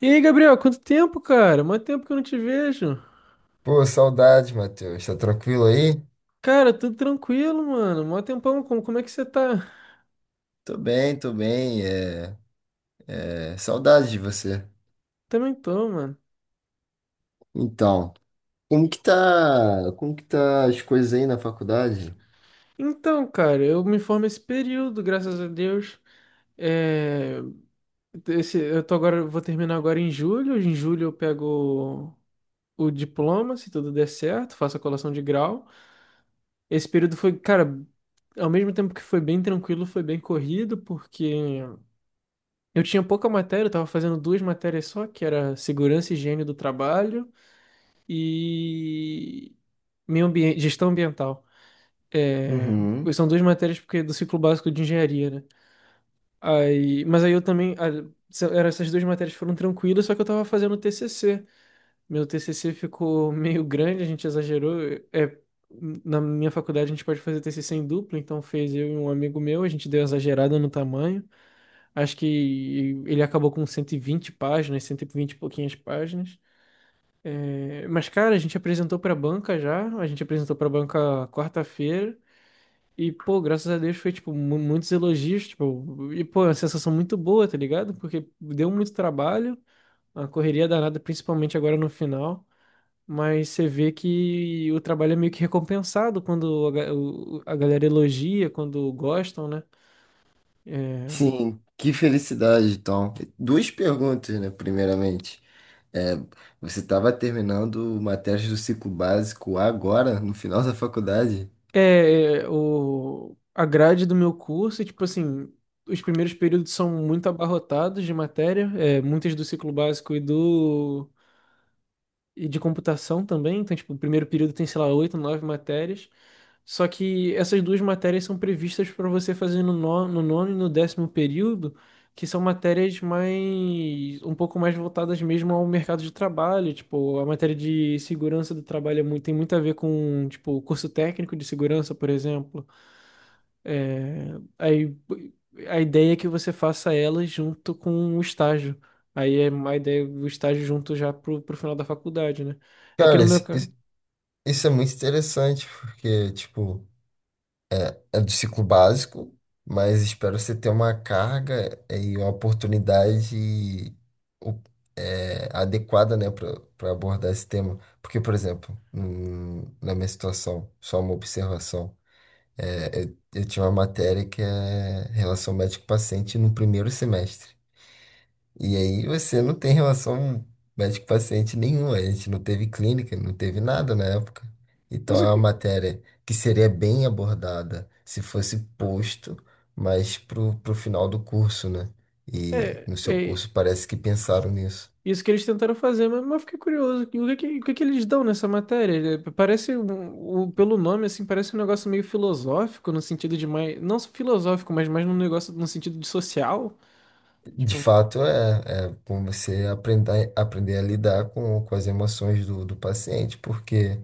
E aí, Gabriel, quanto tempo, cara? Mó tempo que eu não te vejo. Pô, saudade, Matheus. Tá tranquilo aí? Cara, tudo tranquilo, mano. Mó tempão, como é que você tá? Tô bem, tô bem. Saudade de você. Também tô, mano. Então, como que tá as coisas aí na faculdade? Então, cara, eu me formo esse período, graças a Deus. É, eu tô agora, vou terminar agora em julho. Em julho eu pego o diploma, se tudo der certo, faço a colação de grau. Esse período foi, cara, ao mesmo tempo que foi bem tranquilo, foi bem corrido, porque eu tinha pouca matéria, eu tava fazendo duas matérias só, que era segurança e higiene do trabalho e meio ambiente, gestão ambiental. É, Uhum. são duas matérias porque é do ciclo básico de engenharia, né? Aí, mas aí eu também, ah, essas duas matérias foram tranquilas, só que eu tava fazendo TCC. Meu TCC ficou meio grande, a gente exagerou. É, na minha faculdade a gente pode fazer TCC em dupla, então fez eu e um amigo meu, a gente deu exagerada no tamanho. Acho que ele acabou com 120 páginas, 120 e vinte e pouquinhas páginas. É, mas, cara, a gente apresentou pra banca já, a gente apresentou pra banca quarta-feira, e, pô, graças a Deus foi, tipo, muitos elogios, tipo, e, pô, é uma sensação muito boa, tá ligado? Porque deu muito trabalho, a correria danada, principalmente agora no final, mas você vê que o trabalho é meio que recompensado quando a galera elogia, quando gostam, né? É, Sim, que felicidade, então. Duas perguntas, né? Primeiramente, é, você estava terminando matérias do ciclo básico agora, no final da faculdade? é, é, o, a grade do meu curso, é, tipo assim, os primeiros períodos são muito abarrotados de matéria, é, muitas do ciclo básico e de computação também. Então, tipo, o primeiro período tem, sei lá, oito, nove matérias. Só que essas duas matérias são previstas para você fazer no nono e no décimo período, que são matérias mais um pouco mais voltadas mesmo ao mercado de trabalho. Tipo, a matéria de segurança do trabalho é tem muito a ver com, tipo, o curso técnico de segurança, por exemplo. É, aí a ideia é que você faça ela junto com o estágio. Aí é a ideia, o estágio junto já pro, pro final da faculdade, né? É que Cara, no meu isso, caso. isso isso é muito interessante, porque, tipo, é do ciclo básico, mas espero você ter uma carga e uma oportunidade o- adequada, né, para abordar esse tema. Porque, por exemplo, na minha situação, só uma observação, eu tinha uma matéria que é relação médico-paciente no primeiro semestre. E aí você não tem relação médico-paciente nenhuma. A gente não teve clínica, não teve nada na época. Então Mas é o uma que. matéria que seria bem abordada se fosse posto, mas pro final do curso, né? E É, no seu é curso parece que pensaram nisso. isso que eles tentaram fazer, mas eu fiquei curioso. O o que que eles dão nessa matéria? É, parece, pelo nome, assim, parece um negócio meio filosófico, no sentido de mais. Não filosófico, mas mais num negócio no sentido de social. De Tipo, fato, é como você aprender, aprender a lidar com as emoções do, do paciente, porque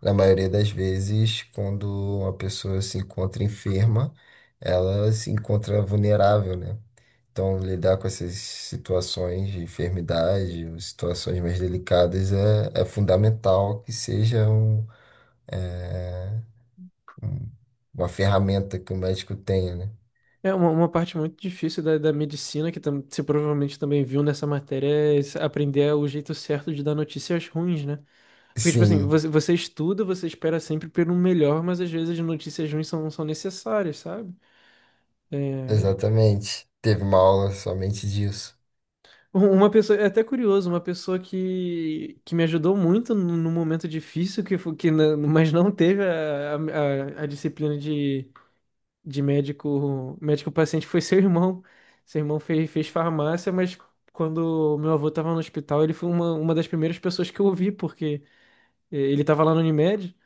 na maioria das vezes, quando uma pessoa se encontra enferma, ela se encontra vulnerável, né? Então, lidar com essas situações de enfermidade, ou situações mais delicadas, é fundamental que seja né, um- uma ferramenta que o médico tenha, né? é uma parte muito difícil da, da medicina, que tam, você provavelmente também viu nessa matéria, é aprender o jeito certo de dar notícias ruins, né? Porque, tipo assim, Sim, você, você estuda, você espera sempre pelo melhor, mas às vezes as notícias ruins são, são necessárias, sabe? É... exatamente. Teve uma aula somente disso. Uma pessoa, é até curioso, uma pessoa que me ajudou muito num num momento difícil, que, mas não teve a, a disciplina de médico, médico paciente foi seu irmão. Seu irmão fez, fez farmácia, mas quando meu avô estava no hospital, ele foi uma das primeiras pessoas que eu ouvi, porque ele estava lá no Unimed.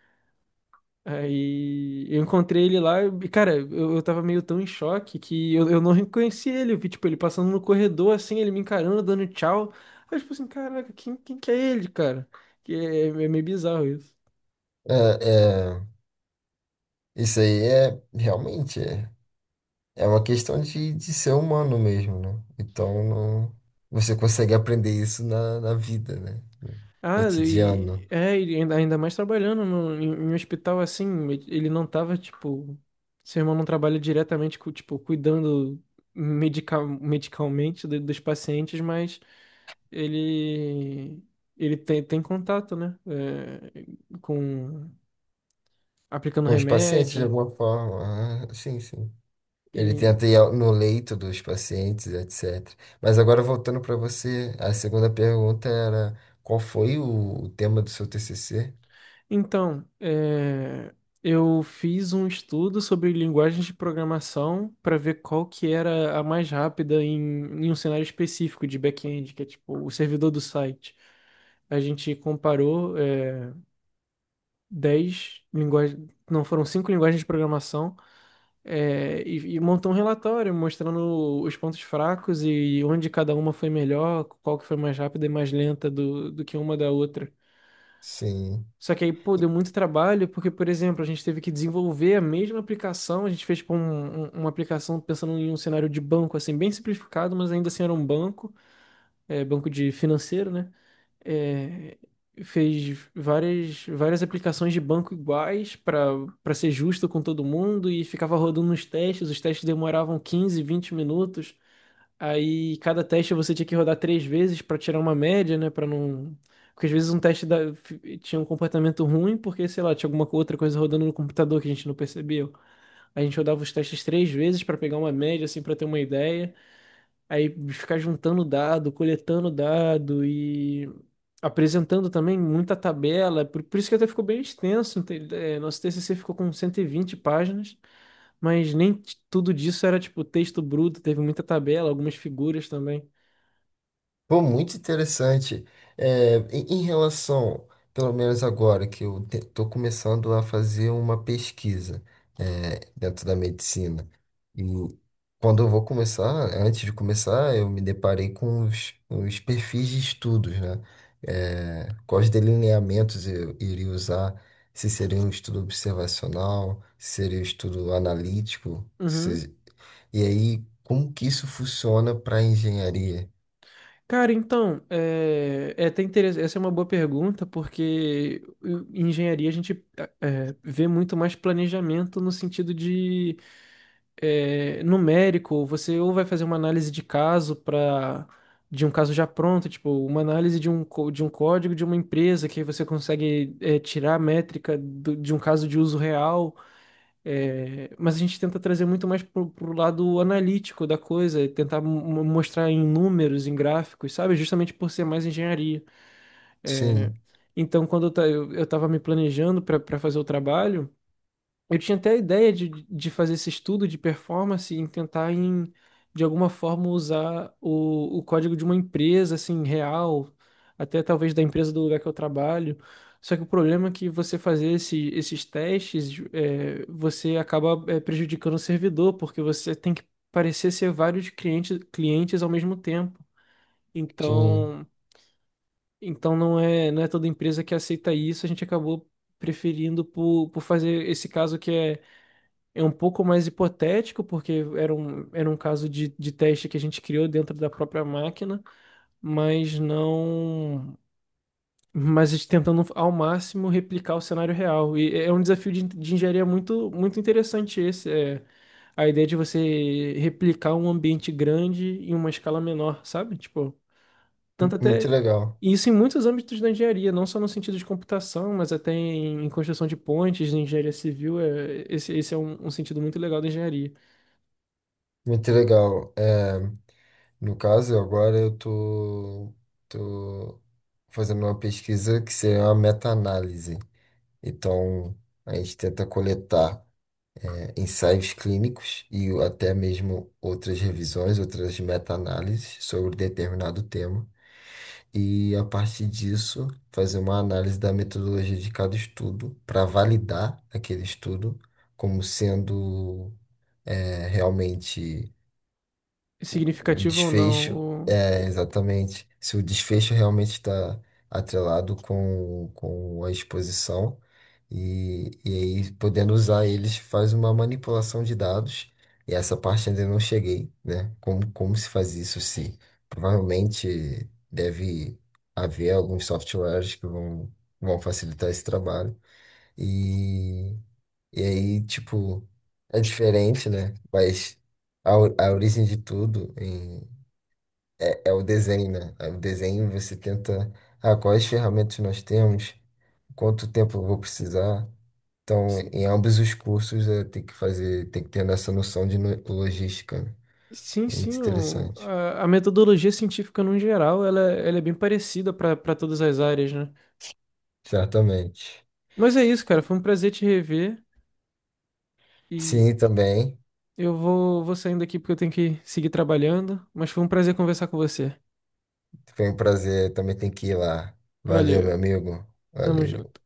Aí eu encontrei ele lá e, cara, eu tava meio tão em choque que eu não reconheci ele. Eu vi, tipo, ele passando no corredor, assim, ele me encarando, dando tchau. Aí, eu, tipo assim, caraca, quem que é ele, cara? Que é, é meio bizarro isso. É, é, isso aí é realmente é uma questão de ser humano mesmo, né? Então, você consegue aprender isso na, na vida, né? No Ah, e, cotidiano. é, e ainda, ainda mais trabalhando no, em, em um hospital assim, ele não tava, tipo, seu irmão não trabalha diretamente, tipo, cuidando medicalmente dos pacientes, mas ele, ele tem, tem contato, né? É, com, aplicando Com os pacientes, de remédio. alguma forma. Ah, sim, sim. Ele tenta ir no leito dos pacientes, etc. Mas agora, voltando para você, a segunda pergunta era: qual foi o tema do seu TCC? Então, é, eu fiz um estudo sobre linguagens de programação para ver qual que era a mais rápida em, em um cenário específico de back-end, que é tipo o servidor do site. A gente comparou é, 10 linguagens, não, foram cinco linguagens de programação é, e montou um relatório mostrando os pontos fracos e onde cada uma foi melhor, qual que foi mais rápida e mais lenta do, do que uma da outra. Sim. Só que aí, pô, deu muito trabalho, porque, por exemplo, a gente teve que desenvolver a mesma aplicação, a gente fez, tipo, uma aplicação pensando em um cenário de banco, assim, bem simplificado, mas ainda assim era um banco, é, banco de financeiro, né? É, fez várias, várias aplicações de banco iguais para para ser justo com todo mundo e ficava rodando os testes demoravam 15 20 minutos. Aí cada teste você tinha que rodar três vezes pra tirar uma média, né? Para não. Porque às vezes um teste tinha um comportamento ruim, porque, sei lá, tinha outra coisa rodando no computador que a gente não percebeu. A gente rodava os testes três vezes pra pegar uma média, assim, pra ter uma ideia. Aí ficar juntando dado, coletando dado e apresentando também muita tabela. Por isso que até ficou bem extenso. Nosso TCC ficou com 120 páginas, mas nem t- tudo disso era, tipo, texto bruto. Teve muita tabela, algumas figuras também. Pô, muito interessante. Em relação, pelo menos agora, que eu estou começando a fazer uma pesquisa, dentro da medicina. E quando eu vou começar, antes de começar, eu me deparei com os perfis de estudos, né? É, quais delineamentos eu iria usar, se seria um estudo observacional, se seria um estudo analítico, Uhum. E aí como que isso funciona para a engenharia? Cara, então, é, é até interessante. Essa é uma boa pergunta, porque em engenharia a gente é, vê muito mais planejamento no sentido de é, numérico. Você ou vai fazer uma análise de caso para de um caso já pronto, tipo, uma análise de um, de um código de uma empresa, que aí você consegue é, tirar a métrica de um caso de uso real. É, mas a gente tenta trazer muito mais pro, pro lado analítico da coisa, e tentar mostrar em números, em gráficos, sabe? Justamente por ser mais engenharia. É, Sim. então, quando eu, eu tava me planejando para fazer o trabalho, eu tinha até a ideia de fazer esse estudo de performance e tentar em, de alguma forma usar o código de uma empresa assim real, até talvez da empresa do lugar que eu trabalho. Só que o problema é que você fazer esses testes, é, você acaba é, prejudicando o servidor, porque você tem que parecer ser vários clientes, clientes ao mesmo tempo. Sim, Então, então não é, não é toda empresa que aceita isso, a gente acabou preferindo por fazer esse caso que é é um pouco mais hipotético, porque era um caso de teste que a gente criou dentro da própria máquina, mas não. Mas a gente tentando ao máximo replicar o cenário real. E é é um desafio de engenharia muito, muito interessante esse. É a ideia de você replicar um ambiente grande em uma escala menor, sabe? Tipo, tanto muito até. legal, E isso em muitos âmbitos da engenharia, não só no sentido de computação, mas até em, em construção de pontes, em engenharia civil. É, esse é um um sentido muito legal da engenharia. muito legal. No caso, agora eu tô fazendo uma pesquisa que seria uma meta-análise. Então, a gente tenta coletar, ensaios clínicos e até mesmo outras revisões, outras meta-análises sobre determinado tema. E, a partir disso, fazer uma análise da metodologia de cada estudo para validar aquele estudo como sendo realmente o Significativo ou desfecho, não. É exatamente, se o desfecho realmente está atrelado com a exposição, e aí podendo usar eles faz uma manipulação de dados, e essa parte ainda não cheguei, né? Como, como se faz isso, se provavelmente deve haver alguns softwares que vão, vão facilitar esse trabalho. E aí, tipo, é diferente, né? Mas a origem de tudo é o desenho, né? É o desenho você tenta, ah, quais ferramentas nós temos, quanto tempo eu vou precisar. Então, si- em ambos os cursos, é, tem que fazer, tem que ter essa noção de logística, né? Sim, É muito sim, interessante. A metodologia científica no geral, ela é bem parecida para para todas as áreas, né? Certamente. Mas é isso, cara, foi um prazer te rever e Sim, também. eu vou, vou saindo aqui porque eu tenho que seguir trabalhando, mas foi um prazer conversar com você. Foi um prazer. Também tem que ir lá. Valeu, Valeu, meu amigo. tamo Valeu. junto.